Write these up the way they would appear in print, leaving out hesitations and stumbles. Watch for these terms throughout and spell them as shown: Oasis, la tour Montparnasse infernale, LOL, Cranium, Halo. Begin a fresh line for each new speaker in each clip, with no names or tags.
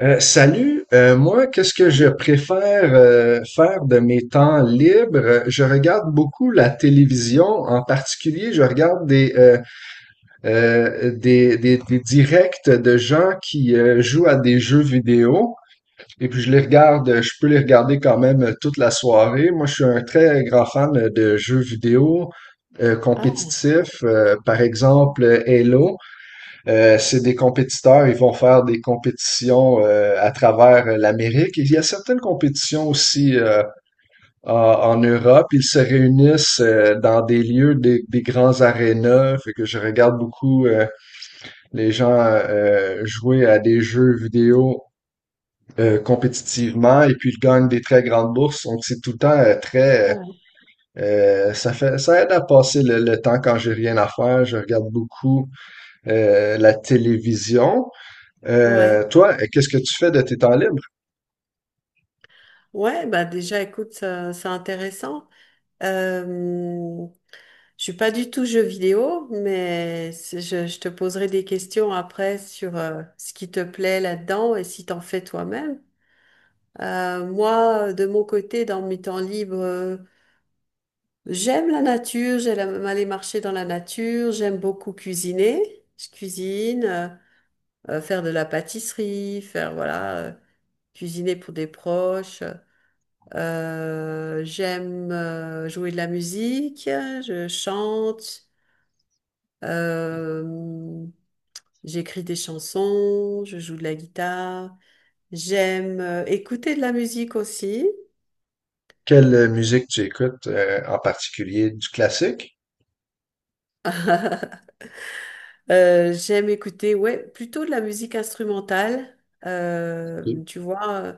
Moi, qu'est-ce que je préfère faire de mes temps libres? Je regarde beaucoup la télévision, en particulier, je regarde des directs de gens qui jouent à des jeux vidéo. Et puis je les regarde, je peux les regarder quand même toute la soirée. Moi, je suis un très grand fan de jeux vidéo
Ah,
compétitifs, par exemple Halo. C'est des compétiteurs, ils vont faire des compétitions à travers l'Amérique. Il y a certaines compétitions aussi en Europe. Ils se réunissent dans des lieux, des grands arénas. Fait que je regarde beaucoup les gens jouer à des jeux vidéo compétitivement et puis ils gagnent des très grandes bourses. Donc c'est tout le temps très euh,
ah,
Euh, Ça fait ça aide à passer le temps quand j'ai rien à faire. Je regarde beaucoup la télévision.
ouais,
Toi, qu'est-ce que tu fais de tes temps libres?
ouais, bah déjà, écoute, c'est intéressant. Euh, je suis pas du tout jeu vidéo, mais je te poserai des questions après sur ce qui te plaît là-dedans et si t'en fais toi-même. Moi, de mon côté, dans mes temps libres, j'aime la nature, j'aime aller marcher dans la nature, j'aime beaucoup cuisiner. Je cuisine, faire de la pâtisserie, faire, voilà, cuisiner pour des proches. J'aime jouer de la musique, je chante, euh, j'écris des chansons, je joue de la guitare. J'aime écouter de la musique aussi.
Quelle musique tu écoutes en particulier? Du classique?
J'aime écouter, ouais, plutôt de la musique instrumentale,
Ok.
tu vois,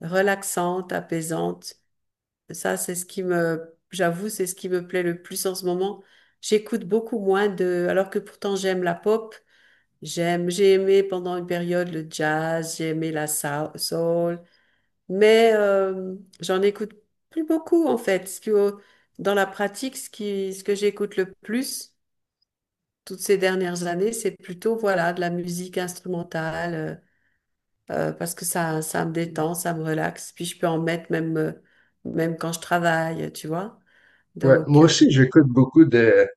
relaxante, apaisante. Ça, c'est ce qui me, j'avoue, c'est ce qui me plaît le plus en ce moment. J'écoute beaucoup moins de, alors que pourtant j'aime la pop. J'aime, j'ai aimé pendant une période le jazz, j'ai aimé la soul, mais j'en écoute plus beaucoup en fait. Ce qui, dans la pratique, ce qui, ce que j'écoute le plus toutes ces dernières années, c'est plutôt voilà de la musique instrumentale parce que ça me détend, ça me relaxe. Puis je peux en mettre même, même quand je travaille, tu vois.
Ouais,
Donc
moi aussi, j'écoute beaucoup de,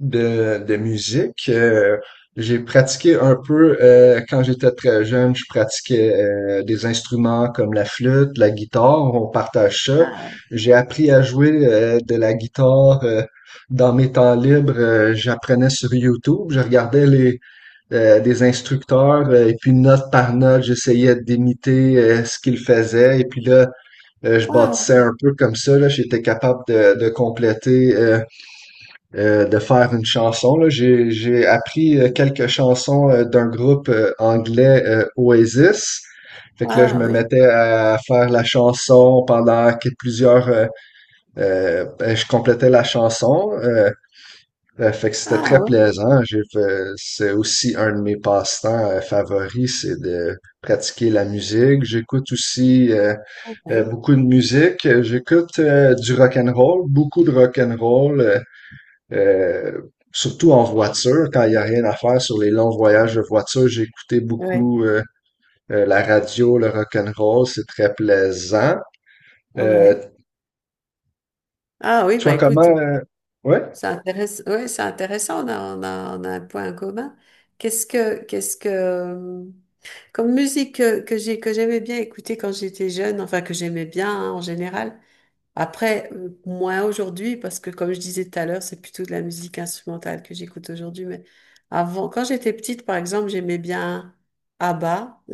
de, de musique. J'ai pratiqué un peu quand j'étais très jeune, je pratiquais des instruments comme la flûte, la guitare, on partage ça.
ah,
J'ai appris à jouer de la guitare dans mes temps libres. J'apprenais sur YouTube, je regardais des instructeurs et puis note par note, j'essayais d'imiter ce qu'ils faisaient et puis là, je
ouais,
bâtissais
ouais,
un peu comme ça, là, j'étais capable de compléter, de faire une chanson. Là. J'ai appris quelques chansons d'un groupe anglais Oasis. Fait que là, je
ah
me
oui,
mettais à faire la chanson pendant que ben, je complétais la chanson. Fait que c'était
ah
très
oui,
plaisant. J'ai fait, c'est aussi un de mes passe-temps favoris, c'est de pratiquer la musique. J'écoute aussi
ouais,
beaucoup de musique. J'écoute du rock and roll, beaucoup de rock and roll, euh, surtout en voiture quand il y a rien à faire sur les longs voyages de voiture. J'écoutais
ouais,
beaucoup la radio, le rock and roll, c'est très plaisant. Euh,
ouais. Ah oui, bah
Toi
écoute.
comment? Ouais?
C'est intéressant, ouais, c'est intéressant, on a un point commun. Qu'est-ce que, qu'est-ce que, euh, comme musique que j'aimais bien écouter quand j'étais jeune, enfin que j'aimais bien hein, en général. Après, moins aujourd'hui, parce que comme je disais tout à l'heure, c'est plutôt de la musique instrumentale que j'écoute aujourd'hui. Mais avant, quand j'étais petite, par exemple, j'aimais bien ABBA.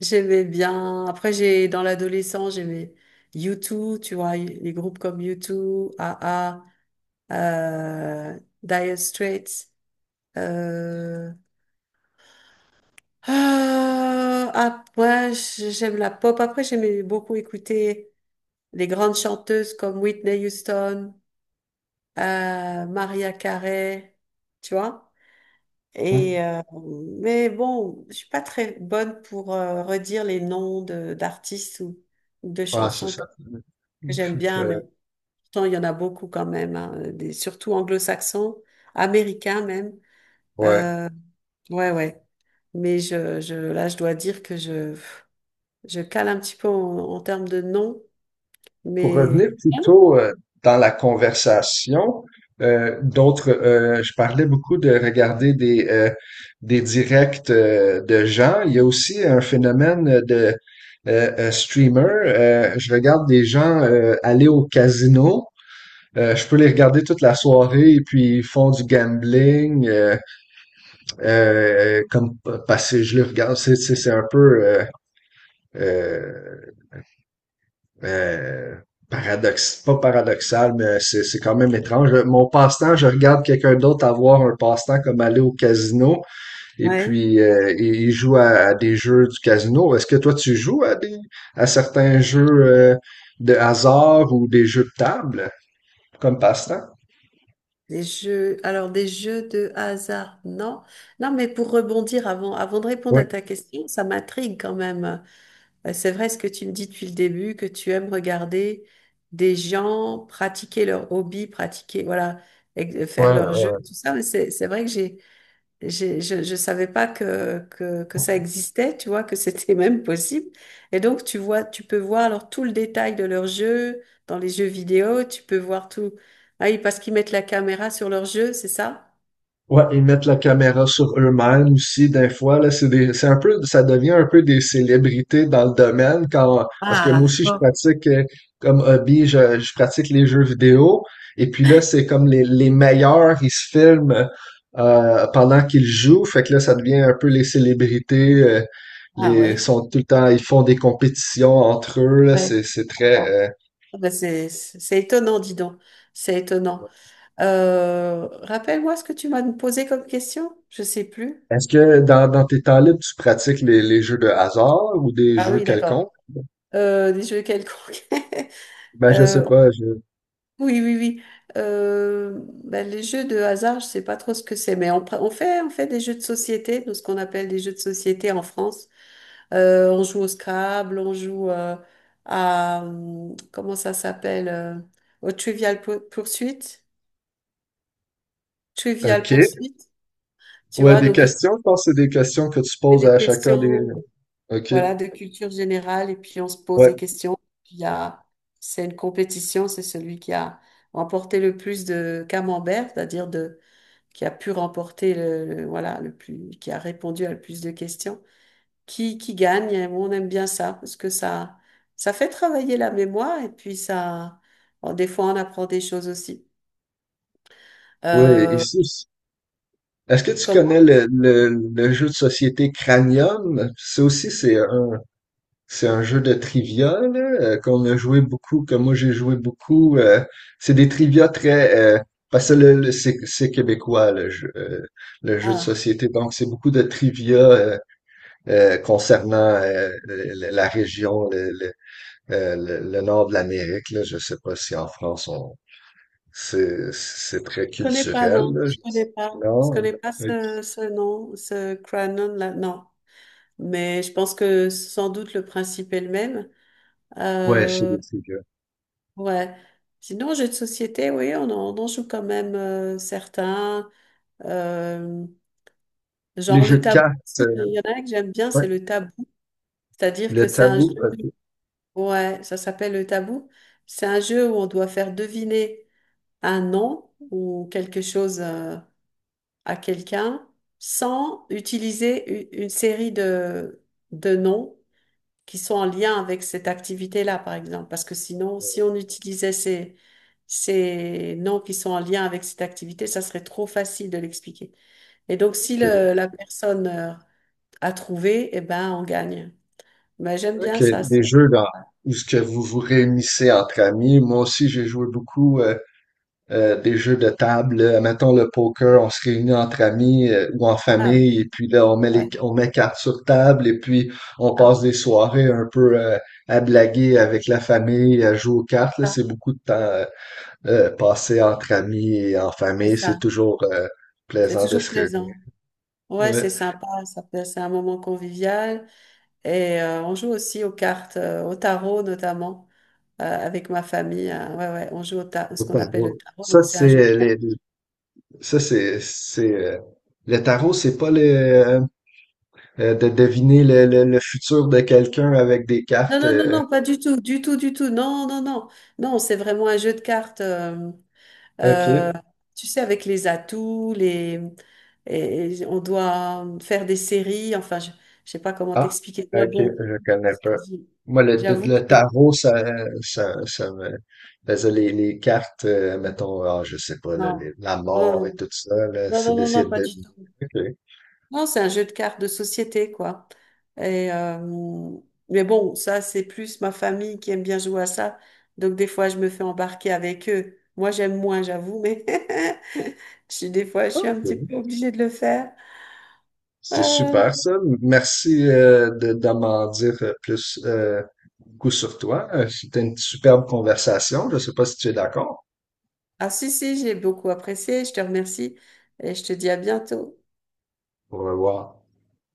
J'aimais bien. Après, j'ai dans l'adolescence, j'aimais U2, tu vois, les groupes comme u deux, A A Dire Straits. euh, ah, après, j'aime la pop. Après, j'aimais beaucoup écouter les grandes chanteuses comme Whitney Houston, Mariah Carey, tu vois. Et mais bon, je suis pas très bonne pour redire les noms de d'artistes ou de
Ah, c'est
chansons
ça.
que
Je
j'aime
suis
bien,
très...
mais pourtant il y en a beaucoup quand même, hein, des, surtout anglo-saxons, américains même.
Ouais.
Euh, ouais, ouais. Mais là, je dois dire que je cale un petit peu en termes de nom,
Pour revenir
mais
plutôt dans la conversation, je parlais beaucoup de regarder des directs de gens. Il y a aussi un phénomène de streamer. Je regarde des gens aller au casino. Je peux les regarder toute la soirée et puis ils font du gambling comme parce que je les regarde. C'est un peu euh, euh, paradoxe, pas paradoxal, mais c'est quand même étrange. Mon passe-temps, je regarde quelqu'un d'autre avoir un passe-temps comme aller au casino et
ouais.
puis il joue à des jeux du casino. Est-ce que toi tu joues à des à certains jeux de hasard ou des jeux de table comme passe-temps?
Des jeux, alors des jeux de hasard, non. Non, mais pour rebondir avant de répondre
Ouais,
à ta question, ça m'intrigue quand même. C'est vrai ce que tu me dis depuis le début, que tu aimes regarder des gens pratiquer leur hobby, pratiquer, voilà, faire
ouais,
leur jeu,
ouais.
tout ça. Mais c'est vrai que je ne savais pas que ça existait, tu vois, que c'était même possible. Et donc, tu vois, tu peux voir alors tout le détail de leurs jeux dans les jeux vidéo, tu peux voir tout. Ah oui, parce qu'ils mettent la caméra sur leur jeu, c'est ça?
Ouais, ils mettent la caméra sur eux-mêmes aussi, des fois, là, c'est un peu, ça devient un peu des célébrités dans le domaine quand, parce que
Ah,
moi aussi, je
d'accord.
pratique, comme hobby, je pratique les jeux vidéo. Et puis là, c'est comme les meilleurs, ils se filment, pendant qu'ils jouent. Fait que là, ça devient un peu les célébrités,
Ah
les,
ouais.
sont tout le temps, ils font des compétitions entre eux, là,
Ouais,
c'est
d'accord.
très,
Ah ben, c'est étonnant, dis donc. C'est étonnant.
ouais.
Rappelle-moi ce que tu m'as posé comme question. Je sais plus.
Est-ce que dans tes temps libres, tu pratiques les jeux de hasard ou des
Ah
jeux
oui,
quelconques?
d'accord. Des jeux quelconques.
Ben, je
Euh,
sais pas, je...
Oui, oui, oui. Ben, les jeux de hasard, je sais pas trop ce que c'est, mais on fait des jeux de société, nous, ce qu'on appelle des jeux de société en France. On joue au Scrabble, on joue à, comment ça s'appelle, au Trivial
OK.
Pursuit, tu
Ouais,
vois,
des
donc on
questions, je pense que c'est des questions que tu
fait
poses
des
à chacun des...
questions,
OK.
voilà, de culture générale, et puis on se pose
Ouais.
des questions. Il y a, c'est une compétition, c'est celui qui a remporté le plus de camembert, c'est-à-dire de qui a pu remporter voilà, le plus, qui a répondu à le plus de questions, qui gagne. Et on aime bien ça parce que ça fait travailler la mémoire et puis ça, bon, des fois on apprend des choses aussi.
Ouais,
Euh,
ici. Est-ce que tu
Comment?
connais le jeu de société Cranium? C'est aussi, c'est un jeu de trivia, là, qu'on a joué beaucoup, que moi j'ai joué beaucoup. C'est des trivia très... parce que c'est québécois, le jeu de
Ah,
société. Donc, c'est beaucoup de trivia concernant la la région, Euh, le nord de l'Amérique, là, je sais pas si en France on c'est très
je connais pas,
culturel,
non,
là.
je
Non.
connais pas
Ok.
ce nom, ce Cranon là, non. Mais je pense que sans doute le principe est le même.
Ouais, chez
Euh,
les trucs.
ouais. Sinon, jeux de société, oui, on en joue quand même certains. Euh,
Les
Genre
jeux
le
de
tabou,
cartes,
aussi, il y en a un que j'aime bien,
ouais.
c'est le tabou. C'est-à-dire
Le
que c'est un jeu,
tabou, ok.
ouais, ça s'appelle le tabou. C'est un jeu où on doit faire deviner un nom ou quelque chose à quelqu'un sans utiliser une série de noms qui sont en lien avec cette activité-là, par exemple. Parce que sinon, si on utilisait ces noms qui sont en lien avec cette activité, ça serait trop facile de l'expliquer. Et donc, si
Ok,
la personne à trouver, eh ben, on gagne. Mais j'aime bien
ok.
ça.
Les jeux dans où ce que vous vous réunissez entre amis. Moi aussi, j'ai joué beaucoup. Des jeux de table, là. Mettons le poker, on se réunit entre amis ou en
Ah oui,
famille, et puis là, on met
ouais,
les, on met cartes sur table, et puis on passe
hein,
des soirées un peu à blaguer avec la famille, à jouer aux cartes. Là.
ça,
C'est beaucoup de temps passé entre amis et en famille. C'est
ça.
toujours
C'est
plaisant de
toujours
se réunir.
plaisant. Ouais,
Ouais.
c'est sympa. C'est un moment convivial. Et on joue aussi aux cartes, au tarot notamment, avec ma famille, hein. Ouais, ouais, on joue au
Au
ce qu'on appelle le
tarot.
tarot.
Ça,
Donc, c'est un jeu de
c'est
cartes.
les, ça, c'est, le tarot, c'est pas le, de deviner le futur de quelqu'un avec des
Non,
cartes.
non, non, non, pas du tout, du tout, du tout. Non, non, non. Non, c'est vraiment un jeu de cartes.
OK.
Euh, Tu sais, avec les atouts, les... et on doit faire des séries. Enfin, je ne sais pas comment
Ah,
t'expliquer. Mais
ok,
bon,
je connais
c'est-
pas. Moi,
j'avoue que...
le tarot, ça me faisait les cartes, mettons, ah, je sais pas,
Non.
la
Non,
mort et
non,
tout ça, là,
non, non,
c'est
non, non,
d'essayer
non,
de
pas du
deviner.
tout.
Ok.
Non, c'est un jeu de cartes de société, quoi. Et, mais bon, ça, c'est plus ma famille qui aime bien jouer à ça. Donc, des fois, je me fais embarquer avec eux. Moi, j'aime moins, j'avoue, mais je des fois, je suis un
Ok.
petit peu obligée de le faire.
C'est
Euh,
super ça. Merci de m'en dire plus beaucoup sur toi. C'était une superbe conversation. Je sais pas si tu es d'accord.
Ah si, si, j'ai beaucoup apprécié, je te remercie et je te dis à bientôt.
Au revoir.